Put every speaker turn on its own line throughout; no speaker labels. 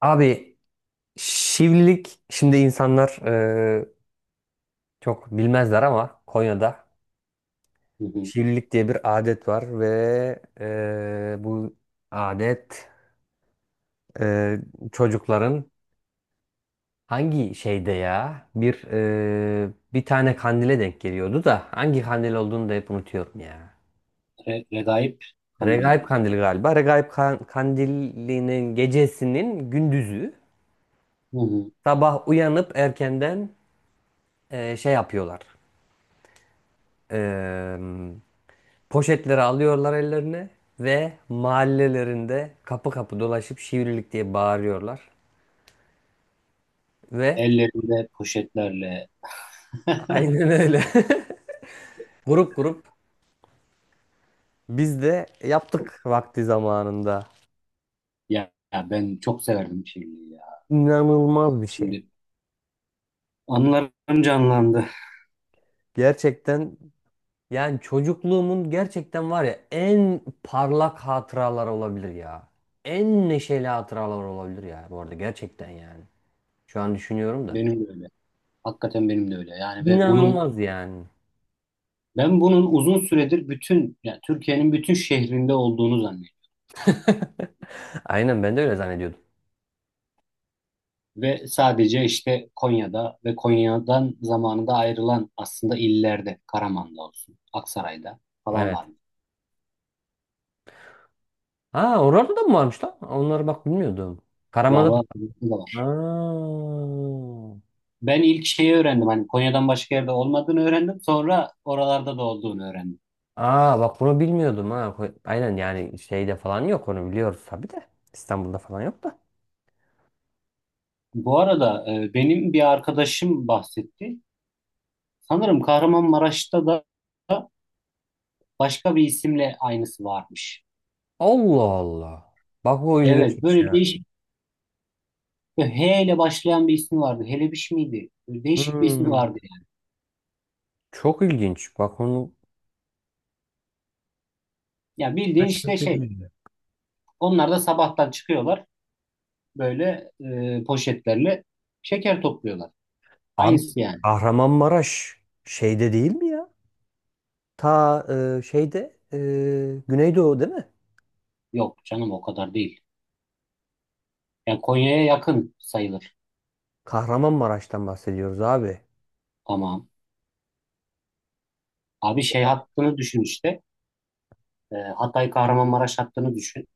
Abi şivlilik şimdi insanlar çok bilmezler ama Konya'da
Hı hı.
şivlilik diye bir adet var ve bu adet e, çocukların hangi şeyde ya bir tane kandile denk geliyordu da hangi kandil olduğunu da hep unutuyorum ya.
Regaip Kandili
Regaip
mi?
kandili galiba. Regaip kandilinin gecesinin gündüzü
Hı hı.
sabah uyanıp erkenden şey yapıyorlar. E, Poşetleri alıyorlar ellerine ve mahallelerinde kapı kapı dolaşıp şivrilik diye bağırıyorlar. Ve
Ellerinde poşetlerle.
aynen öyle. Grup grup biz de yaptık vakti zamanında.
Ya, ben çok severdim şiirliği ya.
İnanılmaz bir şey.
Şimdi anılarım canlandı.
Gerçekten yani çocukluğumun gerçekten var ya en parlak hatıralar olabilir ya. En neşeli hatıralar olabilir ya bu arada gerçekten yani. Şu an düşünüyorum da.
Benim de öyle. Hakikaten benim de öyle. Yani ve bunun
İnanılmaz yani.
ben bunun uzun süredir bütün yani Türkiye'nin bütün şehrinde olduğunu zannediyorum.
Aynen ben de öyle zannediyordum.
Ve sadece işte Konya'da ve Konya'dan zamanında ayrılan aslında illerde, Karaman'da olsun, Aksaray'da falan var.
Evet. Ha oralarda da mı varmış lan? Onları bak bilmiyordum.
Var,
Karaman'da.
var. Var.
Aa.
Ben ilk şeyi öğrendim. Hani Konya'dan başka yerde olmadığını öğrendim. Sonra oralarda da olduğunu öğrendim.
Aa bak bunu bilmiyordum ha. Aynen yani şeyde falan yok onu biliyoruz tabii de. İstanbul'da falan yok da.
Bu arada benim bir arkadaşım bahsetti. Sanırım Kahramanmaraş'ta da başka bir isimle aynısı varmış.
Allah Allah. Bak o
Evet,
ilginçmiş
böyle
ya.
değişik H ile başlayan bir ismi vardı. Helebiş miydi? Böyle değişik bir ismi
Hmm.
vardı yani.
Çok ilginç. Bak onu
Ya bildiğin işte şey.
şaşırtıcıydı.
Onlar da sabahtan çıkıyorlar. Böyle poşetlerle şeker topluyorlar.
Abi
Aynısı yani.
Kahramanmaraş şeyde değil mi ya? Ta şeyde Güneydoğu değil mi?
Yok canım o kadar değil. Yani Konya'ya yakın sayılır.
Kahramanmaraş'tan bahsediyoruz abi.
Tamam. Abi şey hattını düşün işte. Hatay Kahramanmaraş hattını düşün.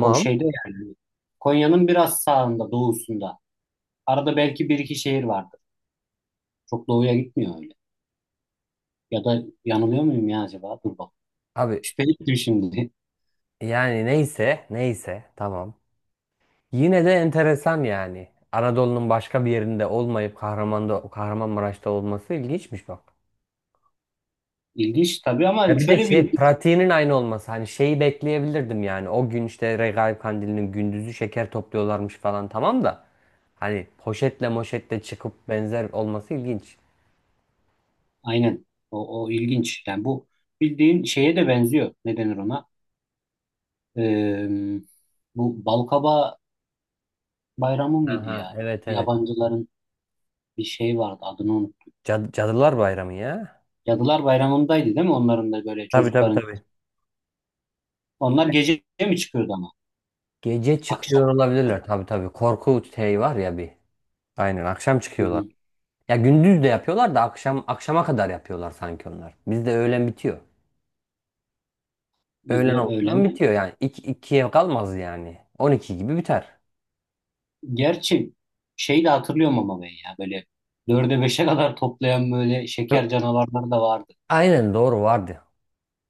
O şeyde yani. Konya'nın biraz sağında, doğusunda. Arada belki bir iki şehir vardır. Çok doğuya gitmiyor öyle. Ya da yanılıyor muyum ya acaba? Dur bak.
Abi
Şüpheli ettim şimdi.
yani neyse, neyse tamam. Yine de enteresan yani. Anadolu'nun başka bir yerinde olmayıp Kahraman'da, Kahramanmaraş'ta olması ilginçmiş bak.
İlginç tabii ama
Ya bir de
şöyle bir
şey
ilginç.
pratiğinin aynı olması hani şeyi bekleyebilirdim yani. O gün işte Regaip Kandili'nin gündüzü şeker topluyorlarmış falan tamam da. Hani poşetle moşetle çıkıp benzer olması ilginç.
Aynen. O ilginç. Yani bu bildiğin şeye de benziyor. Ne denir ona? Ee, Bu Balkaba Bayramı mıydı
Aha
ya?
evet evet.
Yabancıların bir şey vardı. Adını unuttum.
Cadılar Bayramı ya.
Cadılar Bayramı'ndaydı değil mi? Onların da böyle
Tabii tabii
çocukların.
tabii.
Onlar gece mi çıkıyordu ama?
Gece
Akşam.
çıkıyor olabilirler tabii tabii. Korku şey var ya bir. Aynen akşam
Hı
çıkıyorlar.
hı.
Ya gündüz de yapıyorlar da akşam akşama kadar yapıyorlar sanki onlar. Bizde öğlen bitiyor.
Biz de
Öğlen olmadan
öğlen.
bitiyor yani. İki, 2'ye kalmaz yani. 12 gibi biter.
Gerçi şey de hatırlıyorum ama ben ya böyle dörde beşe kadar toplayan böyle
Ö-
şeker canavarları da vardı.
Aynen doğru vardı.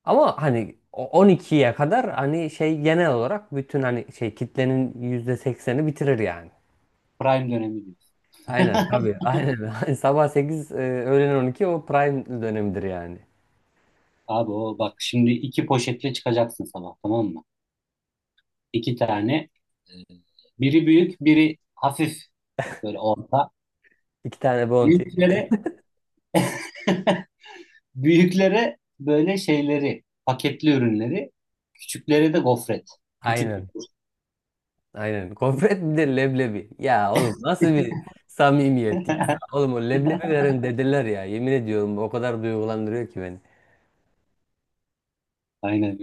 Ama hani o 12'ye kadar hani şey genel olarak bütün hani şey kitlenin %80'i bitirir yani.
Prime dönemi diyor.
Aynen tabii. Aynen. Sabah 8 öğlen 12 o prime dönemidir yani.
Abi o bak şimdi iki poşetle çıkacaksın sabah, tamam mı? İki tane. e, Biri büyük, biri hafif böyle orta.
İki tane bounty.
Büyüklere büyüklere böyle şeyleri, paketli ürünleri, küçüklere de gofret. Küçük.
Aynen. Aynen. Gofret bir de leblebi. Ya oğlum nasıl bir samimiyet ya. Oğlum o leblebi veren dedeler ya. Yemin ediyorum o kadar duygulandırıyor ki beni.
Aynen.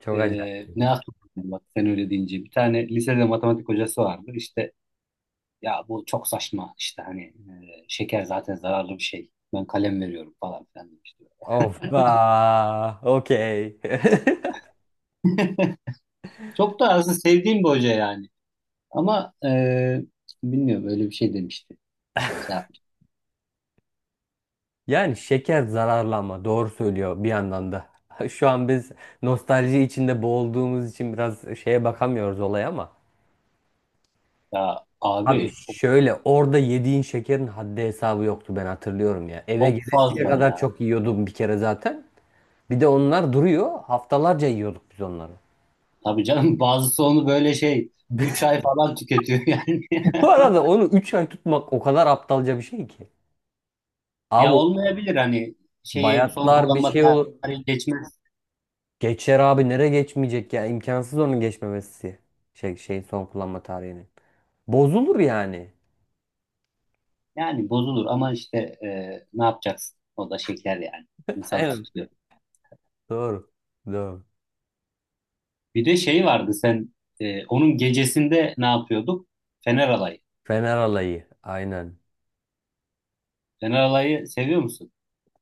Çok acayip.
Ne aklıma, bak sen öyle deyince bir tane lisede matematik hocası vardı işte, ya bu çok saçma işte hani şeker zaten zararlı bir şey, ben kalem veriyorum falan filan demişti.
Of. Aa, okey.
Çok da aslında sevdiğim bir hoca yani ama bilmiyorum öyle bir şey demişti. Şey yaptı.
Yani şeker zararlı ama doğru söylüyor bir yandan da. Şu an biz nostalji içinde boğulduğumuz için biraz şeye bakamıyoruz olaya ama.
Ya abi
Abi
o
şöyle orada yediğin şekerin haddi hesabı yoktu ben hatırlıyorum ya. Eve
çok
gelesiye
fazla
kadar
ya.
çok yiyordum bir kere zaten. Bir de onlar duruyor. Haftalarca yiyorduk biz onları.
Tabii canım, bazısı onu böyle şey 3 ay falan tüketiyor yani.
Bu arada onu 3 ay tutmak o kadar aptalca bir şey ki. Abi
Ya
o
olmayabilir hani şeyi son
bayatlar bir
kullanma
şey olur.
tarihi geçmez.
Geçer abi nereye geçmeyecek ya? İmkansız onun geçmemesi. Şey, şeyin son kullanma tarihinin. Bozulur yani.
Yani bozulur ama işte ne yapacaksın? O da şeker yani. İnsan
Aynen.
tutuyor.
Doğru. Doğru.
Bir de şey vardı sen, onun gecesinde ne yapıyorduk? Fener alayı.
Fener alayı. Aynen.
Fener alayı seviyor musun?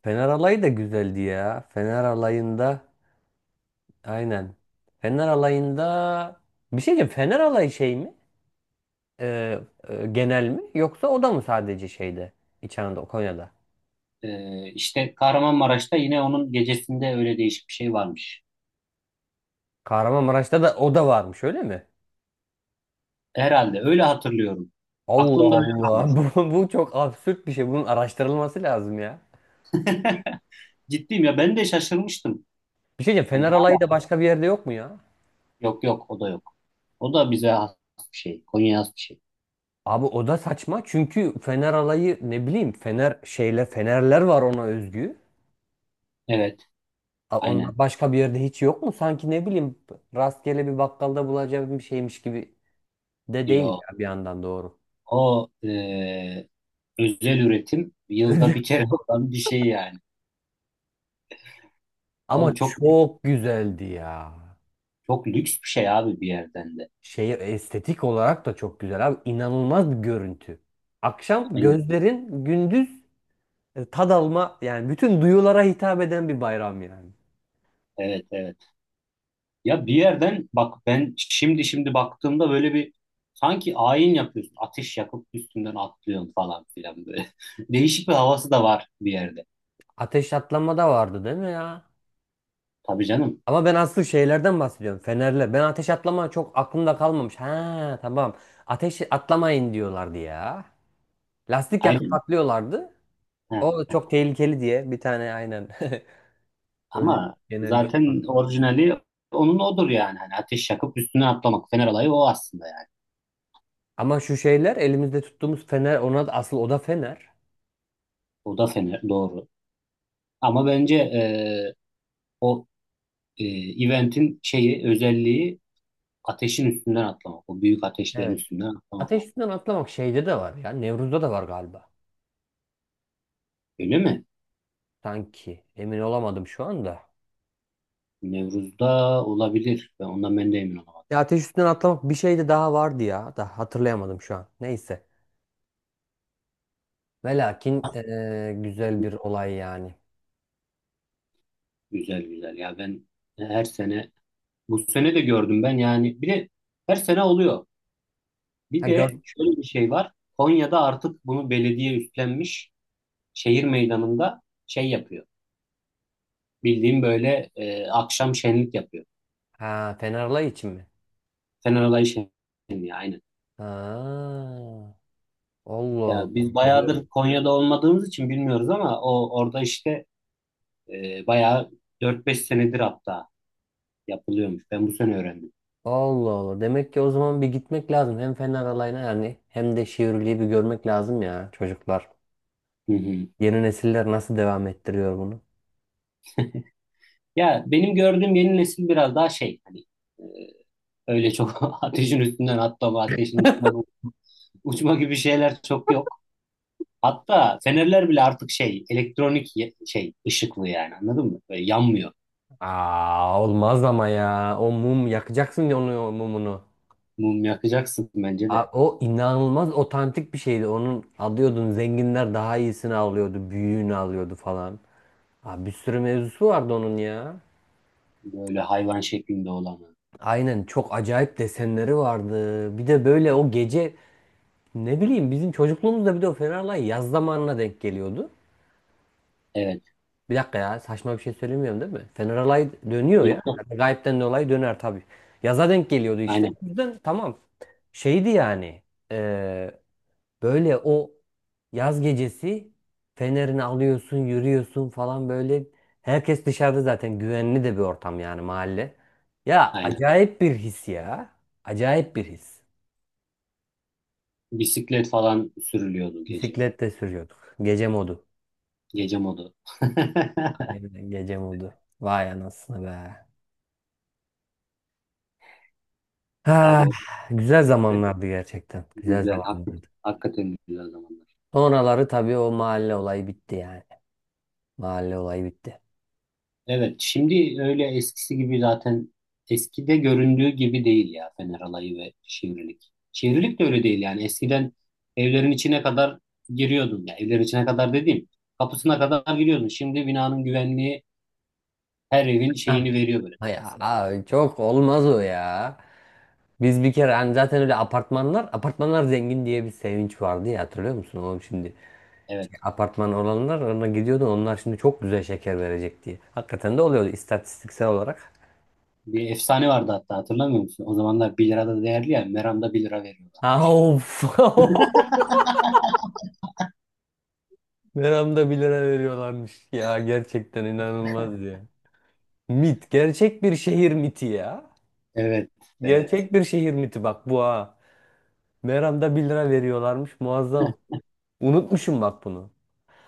Fener alayı da güzeldi ya. Fener alayında. Aynen. Fener alayında. Bir şey diyeceğim. Fener alayı şey mi? e, genel mi yoksa o da mı sadece şeyde İç Anadolu Konya'da?
İşte Kahramanmaraş'ta yine onun gecesinde öyle değişik bir şey varmış.
Kahramanmaraş'ta da o da varmış öyle mi?
Herhalde öyle hatırlıyorum.
Allah
Aklımda öyle kalmış.
Allah bu çok absürt bir şey bunun araştırılması lazım ya.
Ciddiyim, ya ben de şaşırmıştım.
Bir şey diyeceğim
Yani
Fener alayı da
hala,
başka bir yerde yok mu ya?
yok yok, o da yok. O da bize has bir şey. Konya'ya has bir şey.
Abi o da saçma çünkü Fener alayı ne bileyim Fener şeyle Fenerler var ona özgü.
Evet,
Onlar
aynen.
başka bir yerde hiç yok mu? Sanki ne bileyim rastgele bir bakkalda bulacağım bir şeymiş gibi de değil
Yo.
ya bir yandan doğru.
O özel üretim yılda bir kere olan bir şey yani.
Ama
Abi çok
çok güzeldi ya.
çok lüks bir şey abi bir yerden de.
Şey estetik olarak da çok güzel abi. İnanılmaz bir görüntü. Akşam
Aynen.
gözlerin gündüz tad alma yani bütün duyulara hitap eden bir bayram yani.
Evet, evet. Ya bir yerden bak, ben şimdi baktığımda böyle bir sanki ayin yapıyorsun. Ateş yakıp üstünden atlıyorsun falan filan böyle. Değişik bir havası da var bir yerde.
Ateş atlama da vardı değil mi ya?
Tabii canım.
Ama ben asıl şeylerden bahsediyorum. Ben ateş atlama çok aklımda kalmamış. Ha tamam. Ateş atlamayın diyorlardı ya. Lastik yakıp
Aynen.
patlıyorlardı.
Ha,
O çok tehlikeli diye bir tane aynen. Öyle
ama
genel bir şey var.
zaten orijinali onun odur yani. Hani ateş yakıp üstüne atlamak. Fener olayı o aslında yani.
Ama şu şeyler elimizde tuttuğumuz fener ona da asıl o da fener.
O da fener, doğru. Ama bence o e, eventin şeyi, özelliği ateşin üstünden atlamak. O büyük ateşlerin
Evet.
üstünden atlamak.
Ateş üstünden atlamak şeyde de var ya. Nevruz'da da var galiba.
Öyle mi?
Sanki. Emin olamadım şu anda.
Nevruz'da olabilir. Ben de emin olamadım.
Ya ateş üstünden atlamak bir şey de daha vardı ya. Da hatırlayamadım şu an. Neyse. Ve lakin güzel bir olay yani.
Güzel güzel. Ya ben her sene, bu sene de gördüm ben yani. Bir de her sene oluyor. Bir
Ha gör.
de şöyle bir şey var. Konya'da artık bunu belediye üstlenmiş. Şehir meydanında şey yapıyor. Bildiğim böyle, akşam şenlik yapıyor.
Ha Fenerlay için mi?
Fener Alayı şenliği. Aynen.
Ha. Allah
Ya
Allah.
biz
Güzel.
bayağıdır Konya'da olmadığımız için bilmiyoruz ama o orada işte bayağı 4-5 senedir hatta yapılıyormuş. Ben bu sene öğrendim.
Allah Allah. Demek ki o zaman bir gitmek lazım. Hem Fener alayına yani hem de Şivrili'yi bir görmek lazım ya çocuklar.
Hı hı.
Yeni nesiller nasıl devam ettiriyor bunu?
Ya benim gördüğüm yeni nesil biraz daha şey hani, e, öyle çok ateşin üstünden atlama, ateşin üstünden uçma gibi şeyler çok yok. Hatta fenerler bile artık şey, elektronik şey ışıklı yani, anladın mı? Böyle yanmıyor.
Aa, olmaz ama ya. O mum yakacaksın ya onu o mumunu.
Mum yakacaksın bence
Aa,
de.
o inanılmaz otantik bir şeydi. Onun alıyordun zenginler daha iyisini alıyordu. Büyüğünü alıyordu falan. Aa, bir sürü mevzusu vardı onun ya.
Böyle hayvan şeklinde olanı.
Aynen çok acayip desenleri vardı. Bir de böyle o gece ne bileyim bizim çocukluğumuzda bir de o Fenerlay yaz zamanına denk geliyordu.
Evet.
Bir dakika ya saçma bir şey söylemiyorum değil mi? Fener Alay dönüyor
Yok,
ya.
yok.
Yani Gayipten dolayı döner tabii. Yaza denk geliyordu işte.
Aynen.
O yüzden tamam. Şeydi yani. e, böyle o yaz gecesi Fener'ini alıyorsun yürüyorsun falan böyle. Herkes dışarıda zaten güvenli de bir ortam yani mahalle. Ya
Aynen.
acayip bir his ya. Acayip bir his.
Bisiklet falan sürülüyordu gece.
Bisiklet de sürüyorduk. Gece modu.
Gece modu.
Aynen, gece modu. Vay anasını be.
Abi
Ha,
o
güzel zamanlardı gerçekten. Güzel
güzel.
zamanlardı.
Hakikaten güzel zamanlar.
Sonraları tabii o mahalle olayı bitti yani. Mahalle olayı bitti.
Evet, şimdi öyle eskisi gibi zaten, eskide göründüğü gibi değil ya Fener Alayı ve Şivrilik. Şivrilik de öyle değil yani. Eskiden evlerin içine kadar giriyordun. Ya evlerin içine kadar dediğim kapısına kadar giriyordun. Şimdi binanın güvenliği her evin
Ah.
şeyini veriyor böyle sıra
Ya
sıra.
ay, çok olmaz o ya. Biz bir kere hani zaten öyle apartmanlar zengin diye bir sevinç vardı ya hatırlıyor musun oğlum şimdi?
Evet.
Şey, apartman olanlar ona gidiyordu onlar şimdi çok güzel şeker verecek diye. Hakikaten de oluyordu istatistiksel olarak.
Bir efsane vardı, hatta hatırlamıyor musun? O zamanlar 1 lira da değerli ya. Meram'da 1 lira
Ha,
veriyorlarmış.
Of. Meramda bir lira veriyorlarmış ya gerçekten inanılmaz ya. Mit. Gerçek bir şehir miti ya.
Evet, evet.
Gerçek bir şehir miti bak bu ha. Meram'da bir lira veriyorlarmış muazzam. Unutmuşum bak bunu.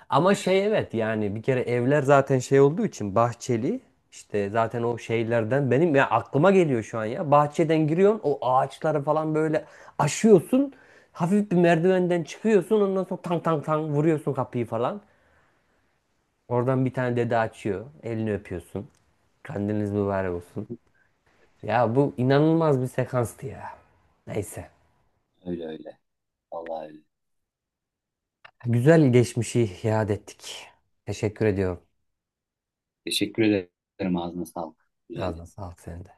Ama şey evet yani bir kere evler zaten şey olduğu için bahçeli. İşte zaten o şeylerden benim ya aklıma geliyor şu an ya. Bahçeden giriyorsun o ağaçları falan böyle aşıyorsun. Hafif bir merdivenden çıkıyorsun ondan sonra tang tang tang vuruyorsun kapıyı falan. Oradan bir tane dede açıyor. Elini öpüyorsun. Kandiliniz mübarek olsun. Ya bu inanılmaz bir sekanstı ya. Neyse.
Öyle öyle. Vallahi öyle.
Güzel geçmişi iade ettik. Teşekkür ediyorum.
Teşekkür ederim. Ağzına sağlık. Güzel
Ağzına sağlık senin de.